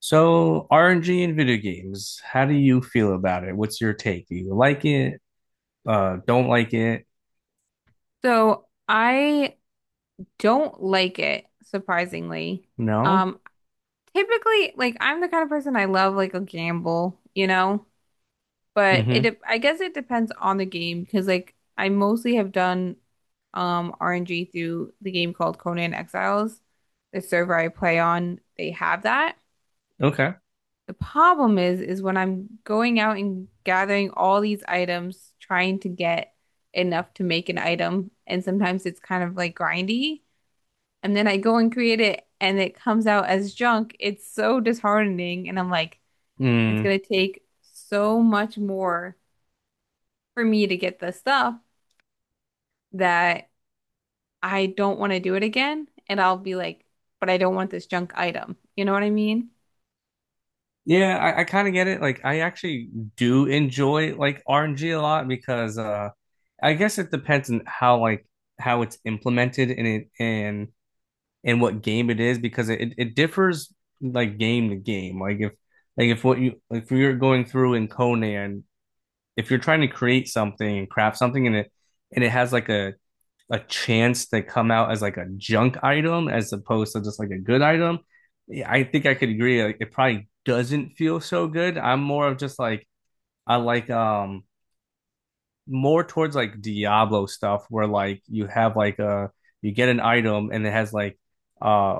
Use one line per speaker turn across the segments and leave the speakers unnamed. So RNG in video games, how do you feel about it? What's your take? Do you like it? Don't like it?
So I don't like it, surprisingly.
No?
Um, Typically, like I'm the kind of person, I love like a gamble, you know, but
Mm-hmm.
I guess it depends on the game because like I mostly have done RNG through the game called Conan Exiles. The server I play on, they have that.
Okay.
The problem is when I'm going out and gathering all these items, trying to get enough to make an item, and sometimes it's kind of like grindy. And then I go and create it and it comes out as junk. It's so disheartening. And I'm like, it's
Mm.
gonna take so much more for me to get the stuff that I don't want to do it again. And I'll be like, but I don't want this junk item. You know what I mean?
Yeah, I kind of get it. Like, I actually do enjoy like RNG a lot because I guess it depends on how like how it's implemented and and what game it is because it differs like game to game. Like if what you if you're going through in Conan, if you're trying to create something and craft something and it has like a chance to come out as like a junk item as opposed to just like a good item, I think I could agree. Like, it probably doesn't feel so good. I'm more of just like I like more towards like Diablo stuff where like you have like a you get an item and it has like uh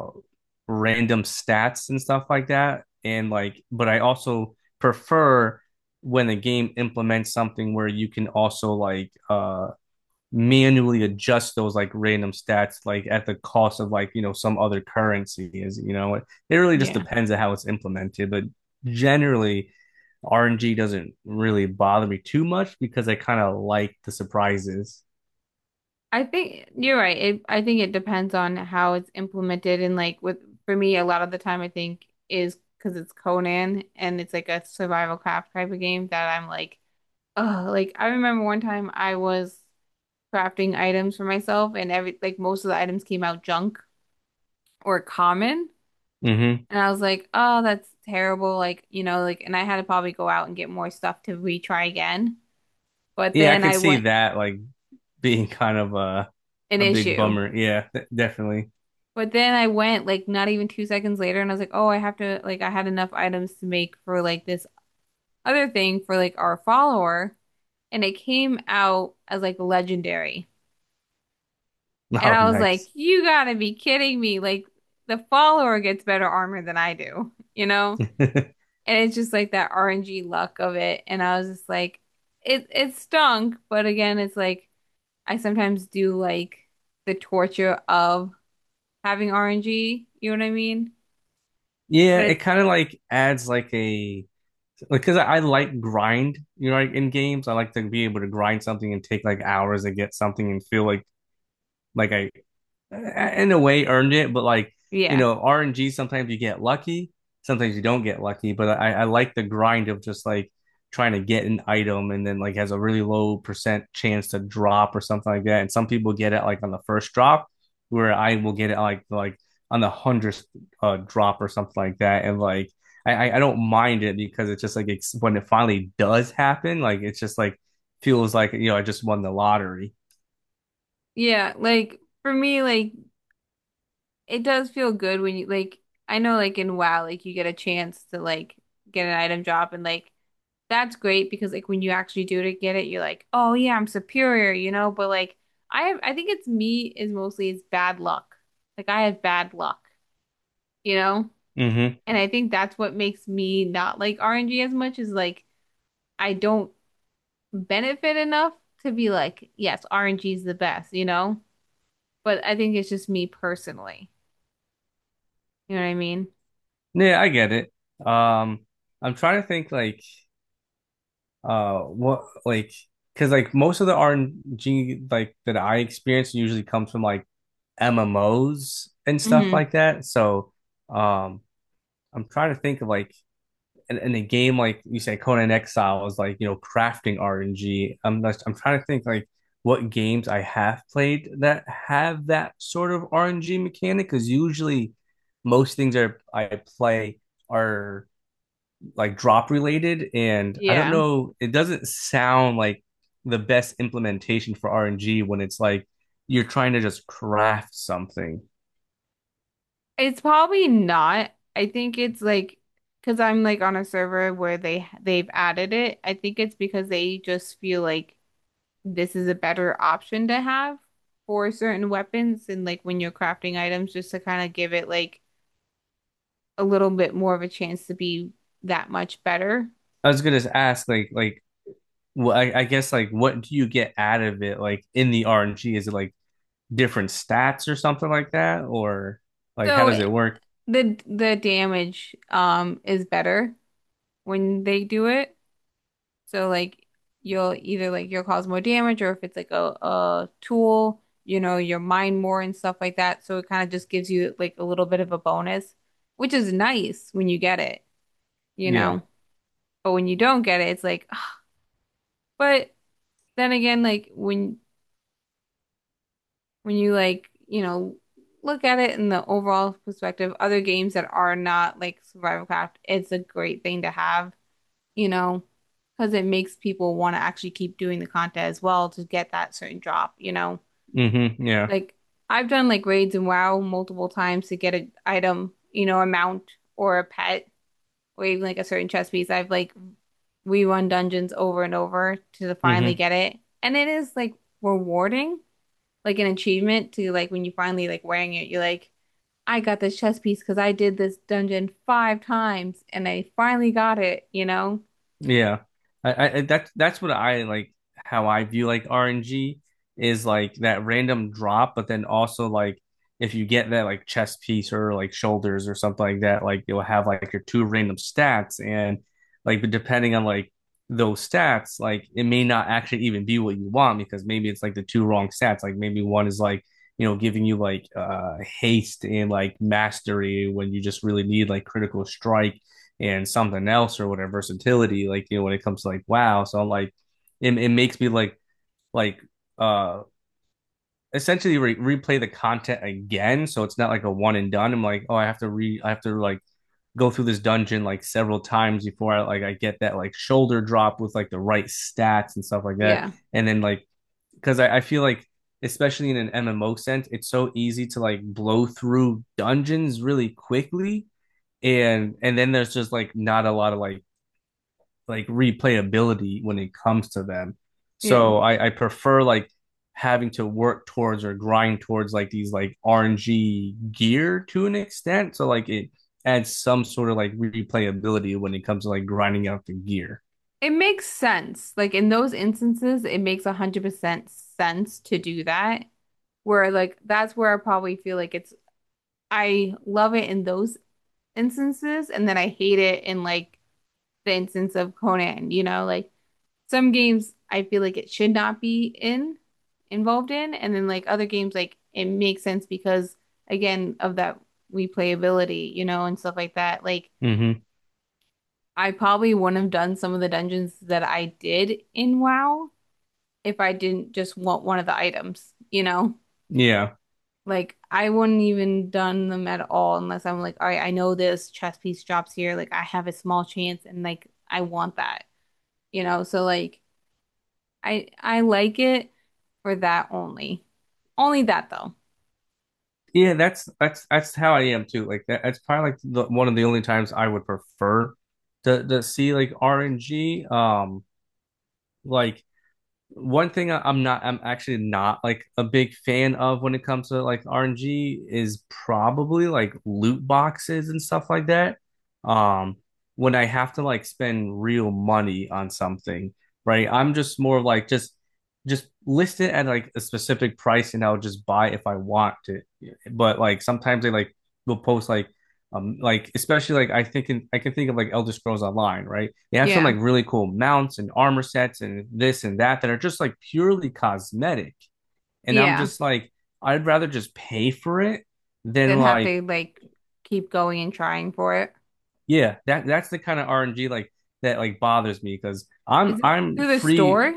random stats and stuff like that, and like but I also prefer when a game implements something where you can also like manually adjust those like random stats like at the cost of like you know some other currency is you know it really just
Yeah.
depends on how it's implemented. But generally RNG doesn't really bother me too much because I kind of like the surprises.
I think you're right. It, I think it depends on how it's implemented, and like with, for me, a lot of the time I think is because it's Conan and it's like a survival craft type of game that I'm like, oh, like I remember one time I was crafting items for myself, and every like most of the items came out junk or common.
Mm-hmm.
And I was like, oh, that's terrible. Like, you know, like, and I had to probably go out and get more stuff to retry again. But
Yeah, I
then
could
I
see
went
that like being kind of a
An
a big
issue.
bummer, yeah, definitely.
But then I went like not even 2 seconds later, and I was like, oh, I have to like, I had enough items to make for like this other thing for like our follower, and it came out as like legendary. And
Oh,
I was like,
nice.
you gotta be kidding me! Like the follower gets better armor than I do, you know? And it's just like that RNG luck of it. And I was just like, it stunk, but again, it's like I sometimes do like the torture of having RNG, you know what I mean?
Yeah,
But
it
it's
kind of like adds like a because I like grind, you know, like in games, I like to be able to grind something and take like hours and get something and feel like like I, in a way, earned it, but like you
yeah.
know, RNG sometimes you get lucky, sometimes you don't get lucky. But I like the grind of just like trying to get an item and then like has a really low percent chance to drop or something like that. And some people get it like on the first drop, where I will get it like on the 100th drop or something like that. And like I don't mind it because it's just like when it finally does happen, like it's just like feels like you know I just won the lottery.
Yeah, like for me, like it does feel good when you like, I know like in WoW, like you get a chance to like get an item drop and like that's great because like when you actually do to get it, you're like, oh yeah, I'm superior, you know? But like I have, I think it's me is mostly is bad luck. Like I have bad luck, you know?
Mm-hmm.
And I think that's what makes me not like RNG as much is like I don't benefit enough to be like, yes, RNG is the best, you know? But I think it's just me personally. You know what I mean?
Yeah, I get it. Um, I'm trying to think like what like because like most of the RNG like that I experience usually comes from like MMOs and stuff
Hmm.
like that. So um I'm trying to think of like in a game like you say Conan Exile is like you know crafting RNG. I'm trying to think like what games I have played that have that sort of RNG mechanic because usually most things are I play are like drop related, and I don't
Yeah.
know, it doesn't sound like the best implementation for rng when it's like you're trying to just craft something.
It's probably not. I think it's like because I'm like on a server where they've added it. I think it's because they just feel like this is a better option to have for certain weapons and like when you're crafting items, just to kind of give it like a little bit more of a chance to be that much better.
I was gonna ask like well, I guess like what do you get out of it like in the rng? Is it like different stats or something like that, or like how
So
does it work?
the damage is better when they do it. So like you'll either like you'll cause more damage, or if it's like a tool, you know, you'll mine more and stuff like that. So it kind of just gives you like a little bit of a bonus, which is nice when you get it, you
Yeah.
know. But when you don't get it, it's like but then again, like when you like, you know, look at it in the overall perspective, other games that are not like Survival Craft, it's a great thing to have, you know, because it makes people want to actually keep doing the content as well to get that certain drop, you know.
Mm-hmm. Yeah.
Like I've done like raids in WoW multiple times to get an item, you know, a mount or a pet or even like a certain chest piece. I've like rerun dungeons over and over to finally
Mm-hmm.
get it. And it is like rewarding, like an achievement to like when you finally like wearing it, you're like, I got this chest piece because I did this dungeon 5 times and I finally got it, you know?
Yeah. I that's what I like how I view like RNG is like that random drop, but then also like if you get that like chest piece or like shoulders or something like that, like you'll have like your two random stats and like but depending on like those stats, like it may not actually even be what you want because maybe it's like the two wrong stats. Like maybe one is like, you know, giving you like haste and like mastery when you just really need like critical strike and something else or whatever versatility, like you know when it comes to like wow. So I'm like it makes me like uh essentially replay the content again, so it's not like a one and done. I'm like oh I have to re I have to like go through this dungeon like several times before I like I get that like shoulder drop with like the right stats and stuff like that.
Yeah.
And then like because I feel like especially in an MMO sense it's so easy to like blow through dungeons really quickly and then there's just like not a lot of like replayability when it comes to them. So
It,
I prefer like having to work towards or grind towards like these like RNG gear to an extent. So like it adds some sort of like replayability when it comes to like grinding out the gear.
it makes sense. Like in those instances, it makes 100% sense to do that, where like that's where I probably feel like it's I love it in those instances, and then I hate it in like the instance of Conan, you know, like some games I feel like it should not be in involved in, and then like other games like it makes sense because again of that replayability, you know, and stuff like that. Like
Mm-hmm.
I probably wouldn't have done some of the dungeons that I did in WoW if I didn't just want one of the items, you know?
Yeah.
Like I wouldn't even done them at all unless I'm like, all right, I know this chess piece drops here. Like I have a small chance and like I want that, you know? So like I like it for that only. Only that though.
Yeah, that's that's how I am too. Like that's probably like one of the only times I would prefer to see like RNG. Like one thing am not, I'm actually not like a big fan of when it comes to like RNG is probably like loot boxes and stuff like that. Um, when I have to like spend real money on something, right? I'm just more of, like just list it at like a specific price and I'll just buy if I want to. But like sometimes they like will post like especially like I think I can think of like Elder Scrolls Online, right? They have some
Yeah.
like really cool mounts and armor sets and this and that that are just like purely cosmetic. And I'm
Yeah.
just like I'd rather just pay for it than
Then have
like
to like keep going and trying for it.
yeah, that's the kind of RNG like that like bothers me because
Is it
I'm
through the
free.
store?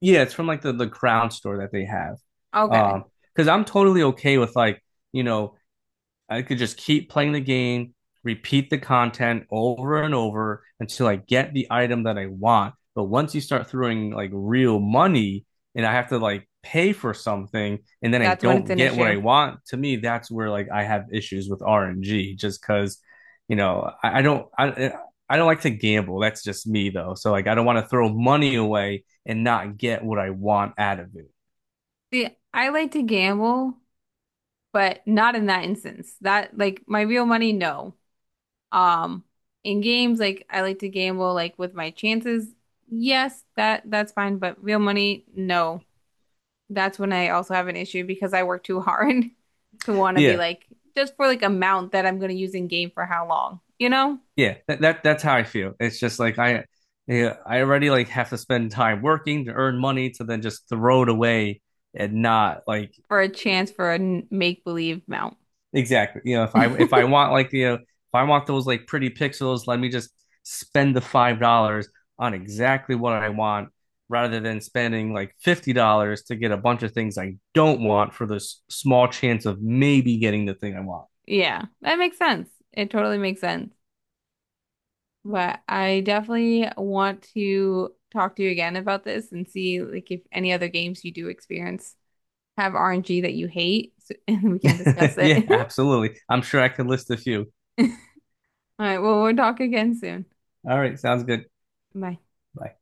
Yeah, it's from like the crown store that they have.
Okay.
Um, because I'm totally okay with like you know I could just keep playing the game, repeat the content over and over until I get the item that I want. But once you start throwing like real money and I have to like pay for something and then I
That's when it's
don't
an
get what I
issue.
want, to me, that's where like I have issues with RNG just because, you know, I don't like to gamble. That's just me though. So like I don't want to throw money away and not get what I want out of it.
See, I like to gamble, but not in that instance. That like my real money, no. Um, in games, like I like to gamble like with my chances. Yes, that's fine, but real money, no. That's when I also have an issue because I work too hard to want to be
Yeah,
like just for like amount that I'm going to use in game for how long, you know?
Yeah, that that's how I feel. It's just like yeah, I already like have to spend time working to earn money to then just throw it away and not like
For a chance for a make believe mount.
exactly. You know, if I want like you know if I want those like pretty pixels, let me just spend the $5 on exactly what I want rather than spending like $50 to get a bunch of things I don't want for this small chance of maybe getting the thing I want.
Yeah, that makes sense. It totally makes sense. But I definitely want to talk to you again about this and see like if any other games you do experience have RNG that you hate, so, and we can discuss it.
Yeah, absolutely. I'm sure I could list a few.
All right, well, we'll talk again soon.
All right, sounds good.
Bye.
Bye.